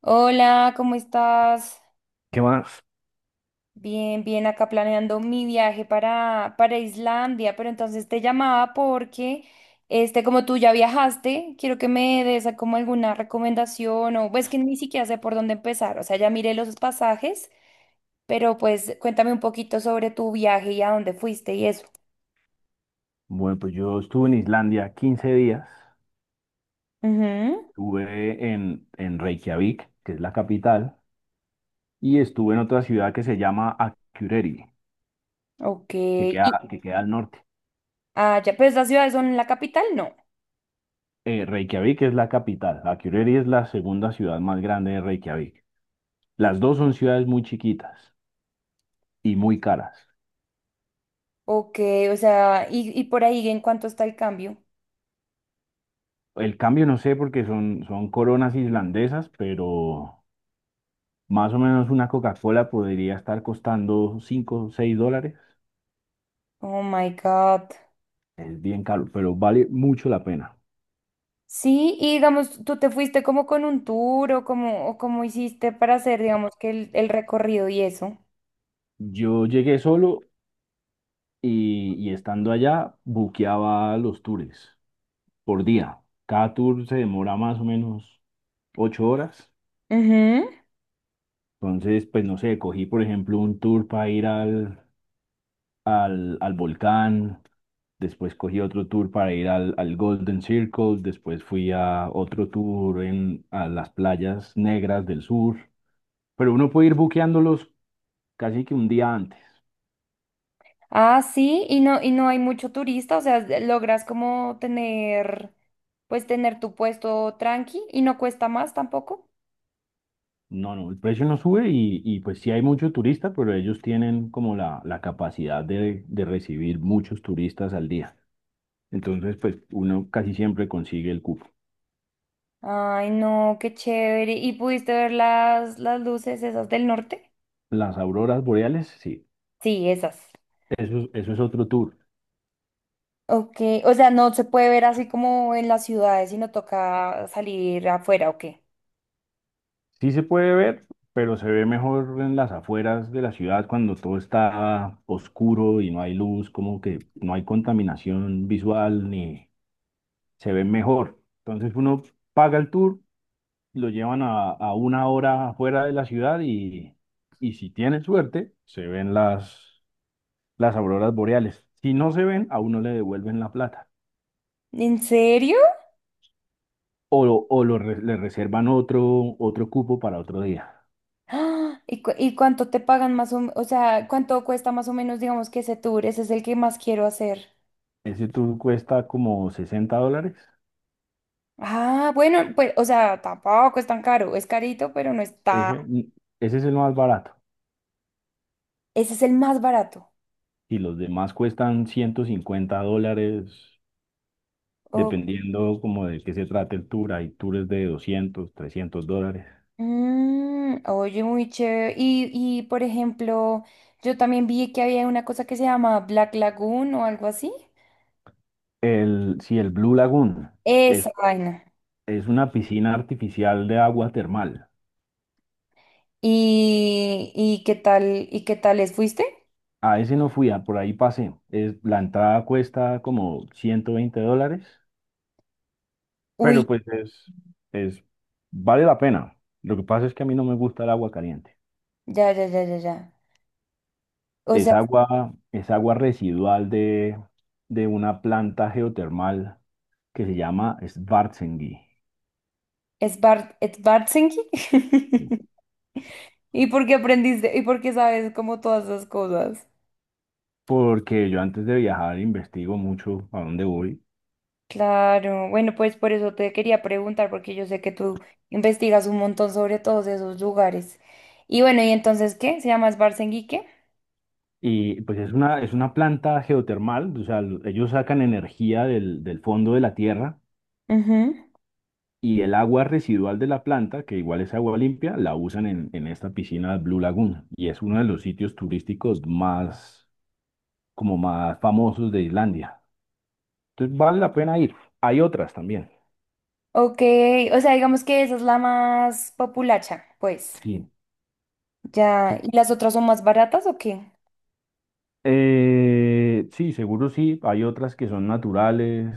Hola, ¿cómo estás? ¿Qué más? Bien, bien, acá planeando mi viaje para Islandia, pero entonces te llamaba porque, como tú ya viajaste, quiero que me des como alguna recomendación o pues que ni siquiera sé por dónde empezar, o sea, ya miré los pasajes, pero pues cuéntame un poquito sobre tu viaje y a dónde fuiste y eso. Bueno, pues yo estuve en Islandia 15 días, Ujú, estuve en Reykjavik, que es la capital, y estuve en otra ciudad que se llama Akureyri, ok, que queda, y que queda al norte. ah, ya, ¿pues las ciudades son la capital, no? Reykjavik es la capital. Akureyri es la segunda ciudad más grande de Reykjavik. Las O- dos son ciudades muy chiquitas y muy caras. ok, o sea, y por ahí, ¿en cuánto está el cambio? El cambio no sé porque son coronas islandesas, pero más o menos una Coca-Cola podría estar costando cinco o 6 dólares. Oh my God. Es bien caro, pero vale mucho la pena. Sí, y digamos, tú te fuiste como con un tour o como, o cómo hiciste para hacer, digamos, que el recorrido y eso. Yo llegué solo y estando allá buqueaba los tours por día. Cada tour se demora más o menos 8 horas. Ujú. Entonces, pues no sé, cogí por ejemplo un tour para ir al volcán, después cogí otro tour para ir al Golden Circle, después fui a otro tour a las playas negras del sur. Pero uno puede ir buqueándolos casi que un día antes. Ah, sí, y no hay mucho turista, o sea, logras como tener, pues tener tu puesto tranqui y no cuesta más tampoco. No, no, el precio no sube y pues sí hay mucho turista, pero ellos tienen como la capacidad de recibir muchos turistas al día. Entonces, pues uno casi siempre consigue el cupo. Ay, no, qué chévere. ¿Y pudiste ver las luces esas del norte? Las auroras boreales, sí, Sí, esas. eso, eso es otro tour. Ok, o sea, no se puede ver así como en las ciudades, sino toca salir afuera, ¿o qué? Sí se puede ver, pero se ve mejor en las afueras de la ciudad cuando todo está oscuro y no hay luz, como que no hay contaminación visual ni se ve mejor. Entonces uno paga el tour, lo llevan a una hora afuera de la ciudad, y si tienen suerte, se ven las auroras boreales. Si no se ven, a uno le devuelven la plata ¿En serio? o le reservan otro cupo para otro día. ¡Ah! ¿Y, y cuánto te pagan más o sea, cuánto cuesta más o menos, digamos, que ese tour? Ese es el que más quiero hacer. Ese tour cuesta como $60. Ah, bueno, pues, o sea, tampoco es tan caro. Es carito, pero no está. Ese, ese es el más barato. Ese es el más barato. Y los demás cuestan $150, O- dependiendo como de qué se trate el tour. Hay tours de $200 $300. Mm, oye, muy chévere. Y, por ejemplo, yo también vi que había una cosa que se llama Black Lagoon o algo así. El, si el Blue Lagoon, que es Esa vaina. Es una piscina artificial de agua termal. Y qué tal? ¿Y qué tal les fuiste? A ese no fui, a por ahí pasé. La entrada cuesta como $120, Uy, pero pues es, vale la pena. Lo que pasa es que a mí no me gusta el agua caliente. ya. O sea, Es agua residual de una planta geotermal que se llama Schwarzenegger. Sbartsenki. ¿Y por qué aprendiste? ¿Y por qué sabes como todas esas cosas? Porque yo antes de viajar investigo mucho a dónde voy. Claro, bueno, pues por eso te quería preguntar, porque yo sé que tú investigas un montón sobre todos esos lugares. Y bueno, ¿y entonces qué? ¿Se llama Sbartsenki qué? Y pues es una planta geotermal, o sea, ellos sacan energía del fondo de la tierra Ujú. y el agua residual de la planta, que igual es agua limpia, la usan en esta piscina Blue Lagoon. Y es uno de los sitios turísticos más, como más famosos de Islandia. Entonces vale la pena ir. Hay otras también. Ok, o sea, digamos que esa es la más populacha, pues. Sí. Ya, ¿y las otras son más baratas o qué? Sí, seguro sí. Hay otras que son naturales,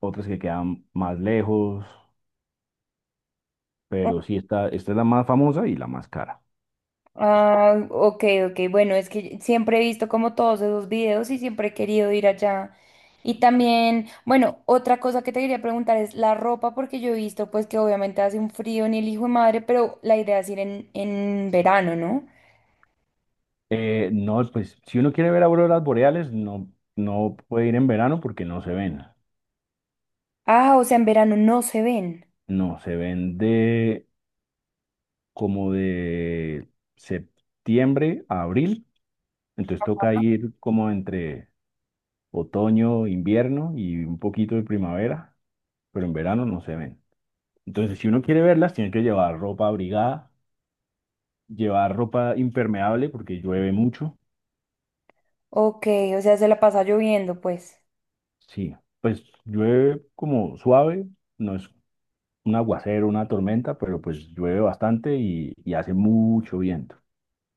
otras que quedan más lejos, pero sí, esta es la más famosa y la más cara. Ah, ok, ok. Bueno, es que siempre he visto como todos esos videos y siempre he querido ir allá. Y también, bueno, otra cosa que te quería preguntar es la ropa, porque yo he visto pues que obviamente hace un frío en el hijo de madre, pero la idea es ir en verano, ¿no? No, pues si uno quiere ver auroras boreales, no puede ir en verano porque no se ven. Ah, o sea, en verano no se ven. No, se ven de como de septiembre a abril. Entonces toca ir como entre otoño, invierno y un poquito de primavera, pero en verano no se ven. Entonces, si uno quiere verlas, tiene que llevar ropa abrigada, llevar ropa impermeable porque llueve mucho. Ok, o sea, se la pasa lloviendo, pues. Sí, pues llueve como suave, no es un aguacero, una tormenta, pero pues llueve bastante y hace mucho viento.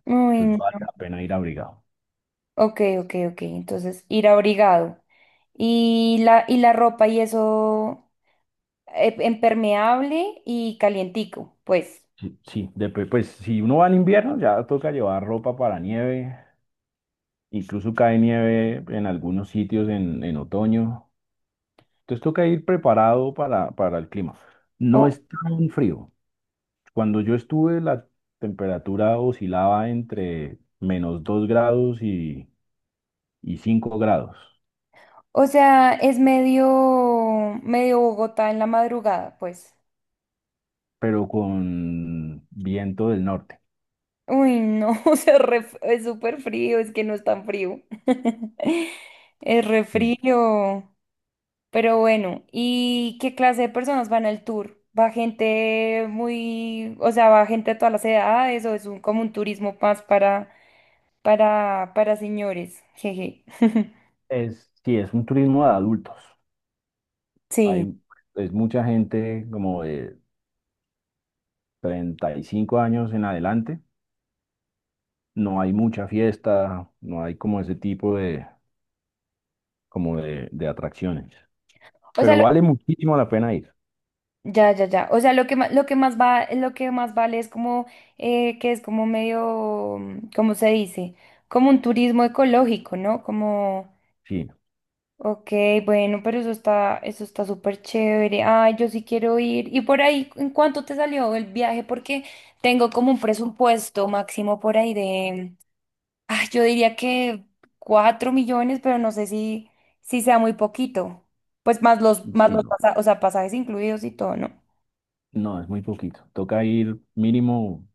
Uy, Entonces vale no. la pena ir abrigado. Ok, ok, ok. Entonces, ir abrigado. Y la ropa y eso, impermeable y calientico, pues. Sí, sí, después, pues si uno va en invierno ya toca llevar ropa para nieve, incluso cae nieve en algunos sitios en otoño. Entonces toca ir preparado para el clima. No O, es tan frío. Cuando yo estuve la temperatura oscilaba entre -2 grados y 5 grados, o sea, es medio, medio Bogotá en la madrugada, pues. pero con viento del norte. Uy, no, o sea, es súper frío, es que no es tan frío. Es re Sí. frío. Pero bueno, ¿y qué clase de personas van al tour? ¿Va gente muy, o sea, va gente de todas las edades o es un, como un turismo más para señores? Jeje. Sí, es un turismo de adultos. Sí. Hay, es mucha gente como de 35 años en adelante. No hay mucha fiesta, no hay como ese tipo de, como de atracciones. O sea, Pero vale muchísimo la pena ir. ya, ya, ya. O sea, lo que más va, lo que más vale es como, que es como medio, ¿cómo se dice? Como un turismo ecológico, ¿no? Como, Sí, ok, bueno, pero eso está súper chévere. Ay, yo sí quiero ir. Y por ahí, ¿en cuánto te salió el viaje? Porque tengo como un presupuesto máximo por ahí de, ah, yo diría que 4 millones, pero no sé si, si sea muy poquito. Pues más sí, los, no. O sea, pasajes incluidos y todo, ¿no? No, es muy poquito. Toca ir mínimo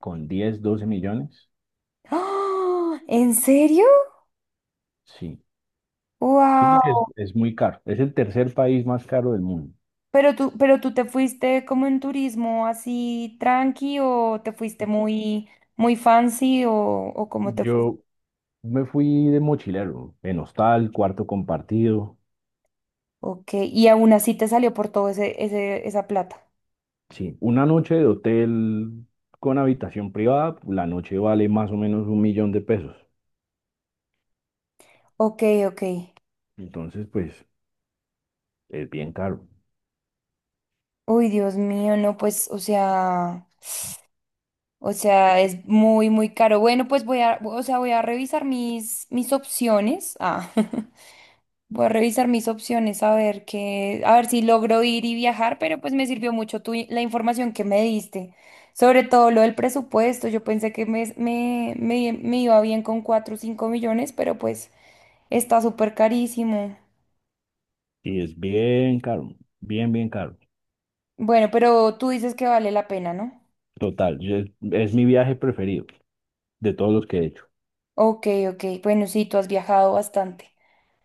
con 10 12 millones. ¡Ah! ¿En serio? Sí, sí, porque es, ¡Wow! es muy caro. Es el tercer país más caro del mundo. Pero tú te fuiste como en turismo así tranqui o te fuiste muy, muy fancy o cómo te fuiste. Yo me fui de mochilero, en hostal, cuarto compartido. Ok, y aún así te salió por todo ese, ese, esa plata. Sí, una noche de hotel con habitación privada, la noche vale más o menos un millón de pesos. Ok, ok. Entonces, pues es bien caro. Uy, Dios mío, no, pues, o sea, es muy, muy caro. Bueno, pues voy a, o sea, voy a revisar mis, mis opciones. Ah. Voy a revisar mis opciones a ver qué, a ver si logro ir y viajar, pero pues me sirvió mucho tu, la información que me diste, sobre todo lo del presupuesto. Yo pensé que me iba bien con 4 o 5 millones, pero pues está súper carísimo. Y es bien caro, bien, bien caro. Bueno, pero tú dices que vale la pena, ¿no? Total, es, mi viaje preferido de todos los que he hecho. Ok, ok. Bueno, sí, tú has viajado bastante.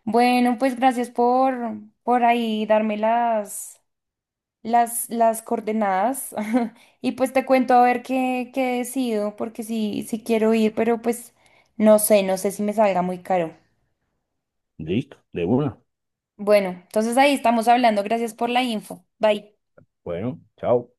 Bueno, pues gracias por ahí darme las, las coordenadas y pues te cuento a ver qué, qué decido, porque sí, sí quiero ir, pero pues no sé, no sé si me salga muy caro. Listo, de una. Bueno, entonces ahí estamos hablando. Gracias por la info. Bye. Bueno, chao.